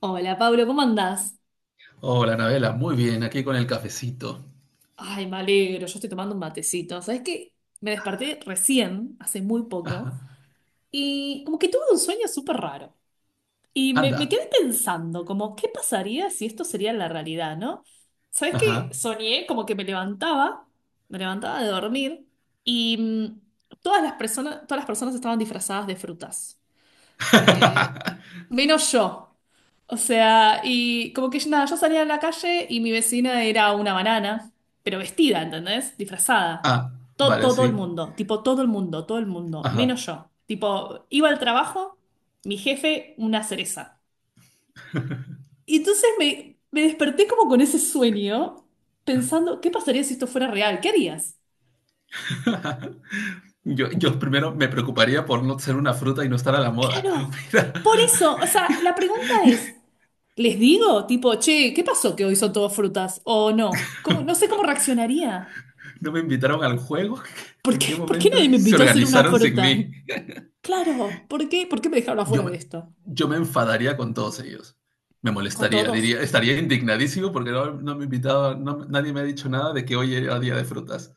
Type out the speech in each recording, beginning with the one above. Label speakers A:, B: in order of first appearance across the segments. A: Hola Pablo, ¿cómo andás?
B: Hola, Anabela, muy bien, aquí con el cafecito.
A: Ay, me alegro, yo estoy tomando un matecito. ¿Sabés qué? Me desperté recién, hace muy poco,
B: Ajá.
A: y como que tuve un sueño súper raro. Y me
B: Anda.
A: quedé pensando, como, ¿qué pasaría si esto sería la realidad, no? ¿Sabés qué?
B: Ajá.
A: Soñé como que me levantaba de dormir, y todas las personas estaban disfrazadas de frutas. Eh, menos yo. O sea, y como que nada, yo salía a la calle y mi vecina era una banana, pero vestida, ¿entendés? Disfrazada.
B: Ah,
A: todo
B: vale,
A: todo el
B: sí.
A: mundo, tipo todo el mundo,
B: Ajá.
A: menos yo. Tipo, iba al trabajo, mi jefe, una cereza. Y entonces me desperté como con ese sueño, pensando, ¿qué pasaría si esto fuera real? ¿Qué harías?
B: Yo primero me preocuparía por no ser una fruta y no estar a la moda.
A: Claro,
B: Mira,
A: por eso, o sea, la pregunta es, ¿les digo? Tipo, che, ¿qué pasó que hoy son todas frutas? ¿O no? No sé cómo reaccionaría.
B: no me invitaron al juego.
A: ¿Por
B: ¿En qué
A: qué, por qué nadie
B: momento
A: me
B: se
A: invitó a hacer una
B: organizaron sin
A: fruta?
B: mí?
A: Claro, ¿por qué? ¿Por qué me dejaron
B: Yo
A: afuera de
B: me,
A: esto?
B: yo me enfadaría con todos ellos. Me
A: Con
B: molestaría,
A: todos.
B: diría, estaría indignadísimo porque no me invitaba, nadie me ha dicho nada de que hoy era día de frutas.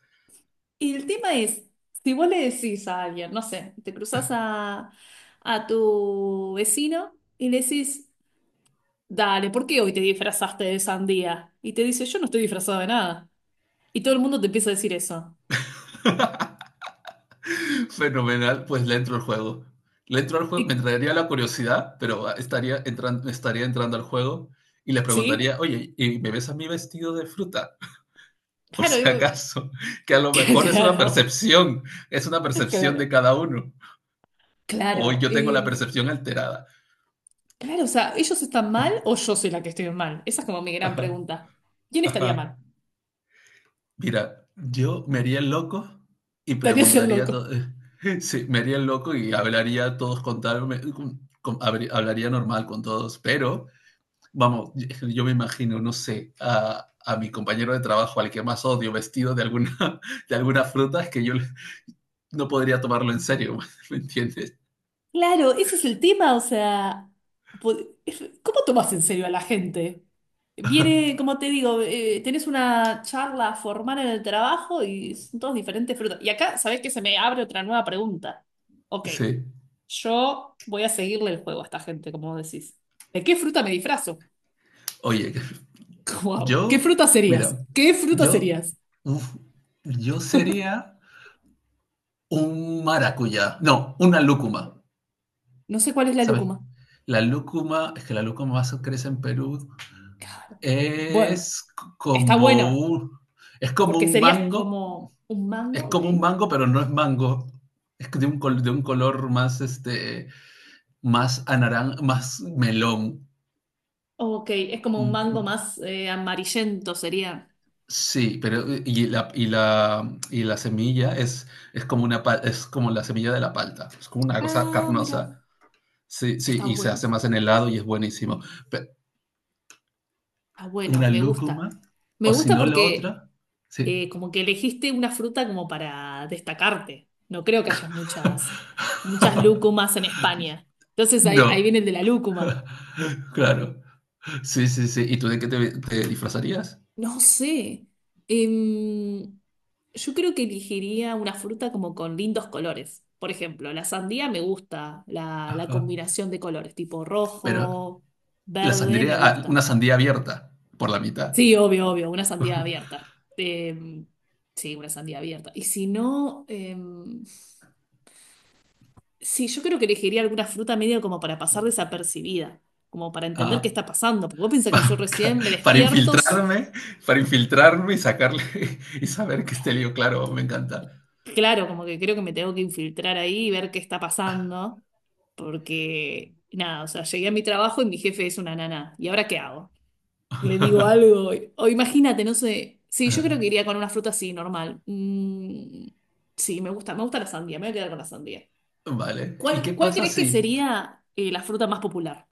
A: Y el tema es, si vos le decís a alguien, no sé, te cruzas a tu vecino y le decís, dale, ¿por qué hoy te disfrazaste de sandía? Y te dice, yo no estoy disfrazado de nada. Y todo el mundo te empieza a decir eso.
B: Fenomenal, pues le entro al juego. Le entro al juego, me
A: Y,
B: entraría la curiosidad, pero estaría entrando al juego y le
A: ¿Sí?
B: preguntaría, oye, ¿y me ves a mí vestido de fruta? Por
A: Claro,
B: si acaso, que a lo mejor
A: claro,
B: es una percepción
A: claro,
B: de cada uno. O
A: claro.
B: yo tengo la percepción alterada.
A: Claro, o sea, ¿ellos están mal o yo soy la que estoy mal? Esa es como mi gran
B: Ajá,
A: pregunta. ¿Quién estaría
B: ajá.
A: mal?
B: Mira, yo me haría el loco y
A: ¿Estarías el
B: preguntaría
A: loco?
B: todo. Sí, me haría el loco y hablaría a todos con tal, hablaría normal con todos, pero vamos, yo me imagino, no sé, a mi compañero de trabajo, al que más odio, vestido de alguna, de alguna fruta, es que yo no podría tomarlo en serio. ¿Me entiendes?
A: Claro, ese es el tema, o sea, po- ¿cómo tomas en serio a la gente? Viene, como te digo, tenés una charla formal en el trabajo y son todos diferentes frutas. Y acá, ¿sabés que se me abre otra nueva pregunta? Ok,
B: Sí.
A: yo voy a seguirle el juego a esta gente, como decís. ¿De qué fruta me disfrazo?
B: Oye,
A: Wow, ¿qué
B: yo,
A: fruta serías?
B: mira,
A: ¿Qué fruta
B: yo,
A: serías?
B: uf, yo sería un maracuyá, no, una lúcuma,
A: No sé cuál es la
B: ¿sabes?
A: lúcuma.
B: La lúcuma, es que la lúcuma más crece en Perú,
A: Claro. Bueno,
B: es
A: está
B: como
A: bueno,
B: es como
A: porque
B: un
A: serías
B: mango.
A: como un
B: Es
A: mango, ok.
B: como un mango, pero no es mango. Es de de un color más, este, más melón.
A: Ok, es como un
B: Mm,
A: mango
B: mm.
A: más amarillento, sería.
B: Sí, pero y la semilla es como es como la semilla de la palta. Es como una cosa
A: Ah, mira,
B: carnosa. Sí, sí,
A: está
B: y se
A: bueno,
B: hace más en helado y es buenísimo. Pe-
A: está bueno,
B: una
A: me
B: lúcuma,
A: gusta. Me
B: o si
A: gusta
B: no la
A: porque
B: otra, sí.
A: como que elegiste una fruta como para destacarte. No creo que haya muchas, muchas lúcumas en España. Entonces ahí
B: No,
A: viene el de la lúcuma.
B: claro. Sí, sí, sí. ¿Y tú de qué te disfrazarías?
A: No sé. Em, yo creo que elegiría una fruta como con lindos colores. Por ejemplo, la sandía me gusta, la
B: Ajá.
A: combinación de colores, tipo
B: Pero
A: rojo,
B: la
A: verde,
B: sandía,
A: me
B: ah, una
A: gusta.
B: sandía abierta por la mitad.
A: Sí, obvio, obvio, una sandía abierta. Em, sí, una sandía abierta. Y si no, em, sí, yo creo que elegiría alguna fruta medio como para pasar desapercibida, como para entender qué
B: Ah,
A: está pasando. Porque vos pensás que yo
B: pa-
A: recién me
B: para
A: despierto.
B: infiltrarme, para infiltrarme y sacarle, y saber que este lío, claro, me encanta.
A: Claro, como que creo que me tengo que infiltrar ahí y ver qué está pasando, porque nada, o sea, llegué a mi trabajo y mi jefe es una nana. ¿Y ahora qué hago? Le digo algo, o imagínate, no sé. Sí, yo creo
B: Ah,
A: que iría con una fruta así, normal. Mm, sí, me gusta la sandía, me voy a quedar con la sandía.
B: vale. ¿Y
A: ¿Cuál,
B: qué
A: cuál
B: pasa
A: crees que
B: si
A: sería la fruta más popular?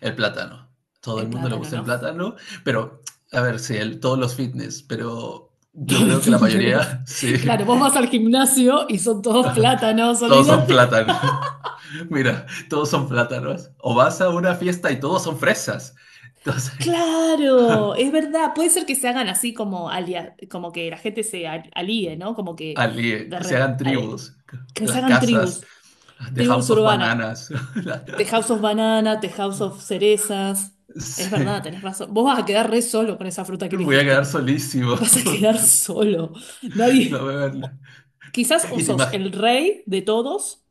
B: el plátano? Todo
A: El
B: el mundo le
A: plátano,
B: gusta el
A: ¿no?
B: plátano, pero a ver, sí, todos los fitness, pero
A: Todos
B: yo
A: los
B: creo que la
A: fitness.
B: mayoría, sí.
A: Claro, vos vas al gimnasio y son todos plátanos,
B: Todos son
A: olvídate.
B: plátanos. Mira, todos son plátanos. O vas a una fiesta y todos son fresas. Entonces,
A: Claro, es verdad, puede ser que se hagan así como como que la gente se alíe, ¿no? Como que de
B: que se
A: re-
B: hagan
A: a-
B: tribus,
A: que se
B: las
A: hagan
B: casas,
A: tribus,
B: las de
A: tribus
B: House of
A: urbanas,
B: Bananas.
A: The House of Banana, The House of Cerezas. Es verdad,
B: Sí,
A: tenés razón. Vos vas a quedar re solo con esa fruta que
B: voy a
A: elegiste.
B: quedar solísimo.
A: Vas a quedar solo.
B: No,
A: Nadie. o- quizás o
B: y te
A: sos
B: imaginas.
A: el rey de todos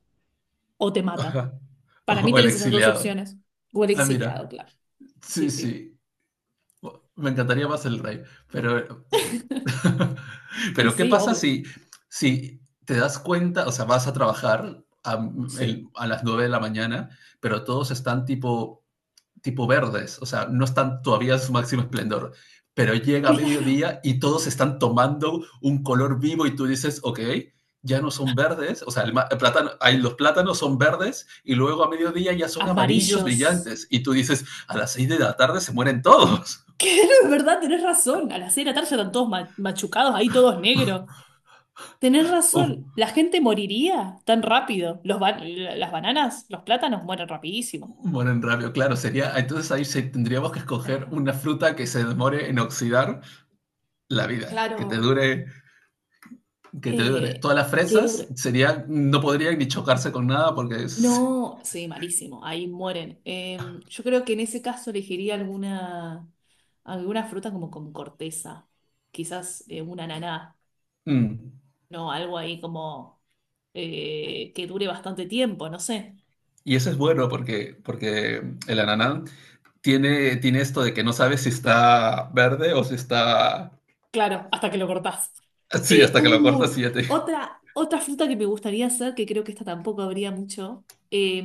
A: o te matan. Para mí
B: O el
A: tenés esas dos
B: exiliado.
A: opciones. O el
B: Ah, mira.
A: exiliado, claro. Sí,
B: Sí,
A: sí.
B: sí. Me encantaría más el rey. Pero,
A: Y
B: pero ¿qué
A: sí,
B: pasa
A: obvio.
B: si, si te das cuenta, o sea, vas a trabajar
A: Sí.
B: a las 9 de la mañana, pero todos están tipo verdes, o sea, no están todavía en su máximo esplendor, pero llega
A: Claro.
B: mediodía y todos están tomando un color vivo y tú dices, ok, ya no son verdes, o sea, el plátano, los plátanos son verdes y luego a mediodía ya son amarillos
A: Amarillos.
B: brillantes y tú dices, a las 6 de la tarde se mueren todos.
A: Que no, es verdad, tenés razón. A las 6 de la tarde ya están todos machucados, ahí todos negros. Tenés razón, la gente moriría tan rápido. Las bananas, los plátanos mueren rapidísimo.
B: Mueren rápido, claro, sería, entonces ahí se, tendríamos que escoger una fruta que se demore en oxidar la vida,
A: Claro.
B: que te dure.
A: Eh,
B: Todas las
A: qué
B: fresas
A: duro.
B: serían, no podrían ni chocarse con nada porque es...
A: No, sí, malísimo, ahí mueren. Yo creo que en ese caso elegiría alguna fruta como con corteza, quizás un ananá,
B: Mm.
A: no, algo ahí como que dure bastante tiempo, no sé.
B: Y eso es bueno porque, porque el ananá tiene esto de que no sabes si está verde o si está...
A: Claro, hasta que lo cortás.
B: Sí,
A: Eh,
B: hasta que lo
A: uy,
B: cortas y ya te...
A: otra fruta que me gustaría hacer, que creo que esta tampoco habría mucho, eh,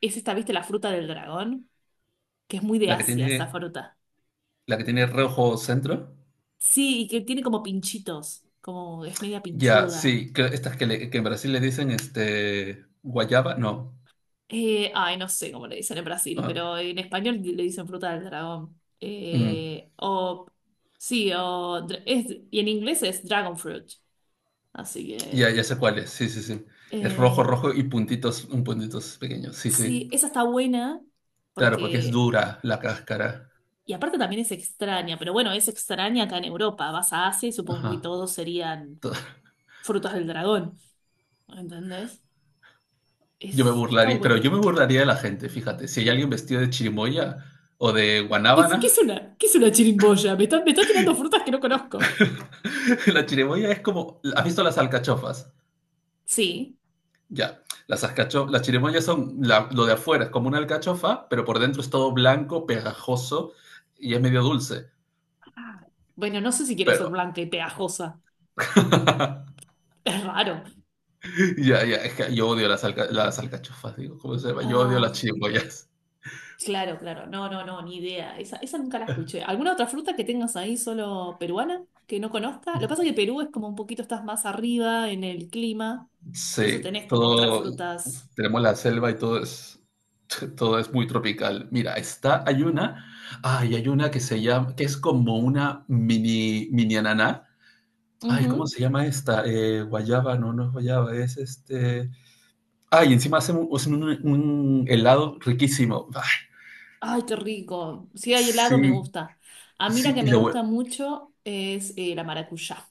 A: es esta, ¿viste? La fruta del dragón, que es muy de
B: La que
A: Asia esa
B: tiene,
A: fruta.
B: la que tiene rojo centro.
A: Sí, y que tiene como pinchitos, como es media
B: Ya,
A: pinchuda.
B: sí, que en Brasil le dicen este, guayaba, no.
A: Ay, no sé cómo le dicen en Brasil,
B: Ah,
A: pero en español le dicen fruta del dragón.
B: mm.
A: O, sí, o, y en inglés es dragon fruit. Así
B: Ya,
A: que,
B: ya sé cuál es, sí, sí, sí. Es rojo,
A: eh,
B: rojo y puntitos, un puntitos pequeños, sí, sí.
A: sí, esa está buena
B: Claro, porque es
A: porque,
B: dura la cáscara.
A: y aparte también es extraña, pero bueno, es extraña acá en Europa. Vas a Asia y supongo que
B: Ajá.
A: todos serían frutas del dragón. ¿Entendés?
B: Yo me
A: Está
B: burlaría, pero
A: bueno.
B: yo me burlaría de la gente, fíjate. Si hay alguien vestido de chirimoya o de
A: ¿Qué es, qué es
B: guanábana,
A: una, qué es una chirimboya? Me está tirando frutas que no conozco.
B: la chirimoya es como, ¿has visto las alcachofas?
A: Sí.
B: Ya, las chirimoyas son lo de afuera, es como una alcachofa, pero por dentro es todo blanco, pegajoso y es medio dulce.
A: Ah, bueno, no sé si quiero ser
B: Pero,
A: blanca y pegajosa. Es raro.
B: ya, es que yo odio las alcachofas, digo, ¿cómo se llama? Yo odio las
A: Ah,
B: chirimoyas.
A: claro, claro. No, no, no, ni idea. Esa nunca la escuché. ¿Alguna otra fruta que tengas ahí solo peruana que no conozca? Lo que pasa es que Perú es como un poquito, estás más arriba en el clima. Entonces
B: Sí,
A: tenés como otras
B: todo,
A: frutas.
B: tenemos la selva y todo es... Todo es muy tropical. Mira, hay una, ay, hay una que se llama, que es como una mini ananá. Ay, ¿cómo
A: Ujú.
B: se llama esta? Guayaba, no, no es guayaba, es este. Ay, encima hacen un helado riquísimo. Ay,
A: Ay, qué rico. Si hay helado, me
B: sí,
A: gusta. A mí la
B: sí.
A: que me gusta mucho es la maracuyá.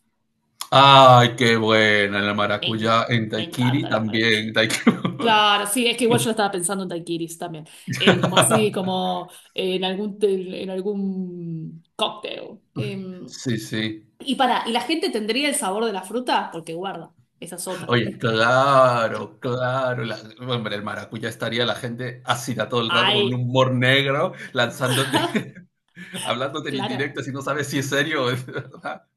B: Ay, qué buena la
A: Me, en-
B: maracuyá en
A: me
B: Daiquiri
A: encanta la maracuyá.
B: también. Daiquiri.
A: Claro, sí, es que igual yo la estaba pensando en daiquiris también. Como así, como en algún cóctel.
B: Sí, sí.
A: ¿Y la gente tendría el sabor de la fruta? Porque guarda, esa es otra.
B: Oye, claro, claro. Hombre, el maracuyá estaría la gente ácida todo el rato con un
A: Ay,
B: humor negro, lanzándote, hablándote en
A: claro,
B: indirecto, si no sabes si es serio o es verdad.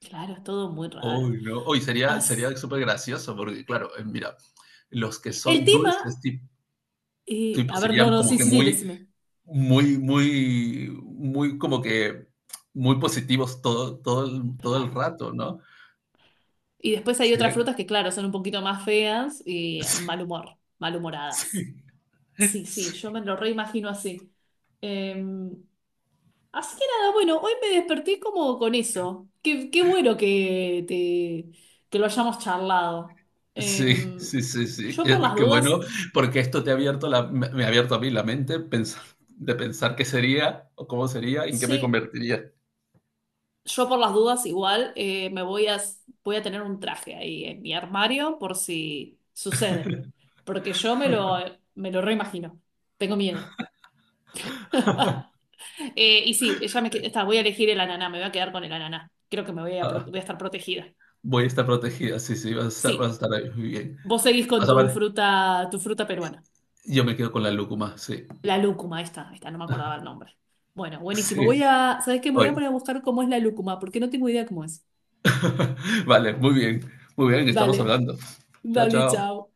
A: claro, es todo muy raro.
B: Uy, no. Uy,
A: As-
B: sería súper gracioso, porque claro, mira, los que
A: El
B: son
A: tema,
B: dulces, tipo,
A: a ver, no,
B: serían
A: no,
B: como
A: sí,
B: que
A: sí, sí,
B: muy,
A: decime.
B: muy, muy, muy, como que muy positivos todo, todo, todo el
A: Claro.
B: rato, ¿no?
A: Y después hay otras
B: Serían,
A: frutas que, claro, son un poquito más feas y mal humor, malhumoradas.
B: sí,
A: Sí, sí,
B: sí.
A: yo me lo reimagino así. Eh, así que nada, bueno, hoy me desperté como con eso. Qué bueno que lo hayamos charlado. Eh,
B: Sí, sí, sí, sí.
A: yo por las
B: Qué
A: dudas
B: bueno, porque esto te ha abierto me ha abierto a mí la mente pensar, de pensar qué sería o cómo sería, en qué me
A: Sí,
B: convertiría.
A: yo por las dudas igual voy a tener un traje ahí en mi armario por si sucede, porque yo me lo reimagino, tengo miedo. Y sí, ella me, que- está, voy a elegir el ananá, me voy a quedar con el ananá, creo que me voy a, pro-
B: Ah,
A: voy a estar protegida.
B: voy a estar protegida, sí, sí, vas a
A: Sí,
B: estar ahí muy bien.
A: vos seguís con
B: Vas a ver,
A: tu fruta peruana,
B: yo me quedo con la lúcuma, sí,
A: la lúcuma, ahí está, no me acordaba el nombre. Bueno, buenísimo,
B: sí,
A: ¿sabés qué? Me voy a
B: hoy.
A: poner a buscar cómo es la lúcuma, porque no tengo idea cómo es.
B: Vale, muy bien, estamos
A: Dale,
B: hablando. Chao,
A: dale,
B: chao.
A: chao.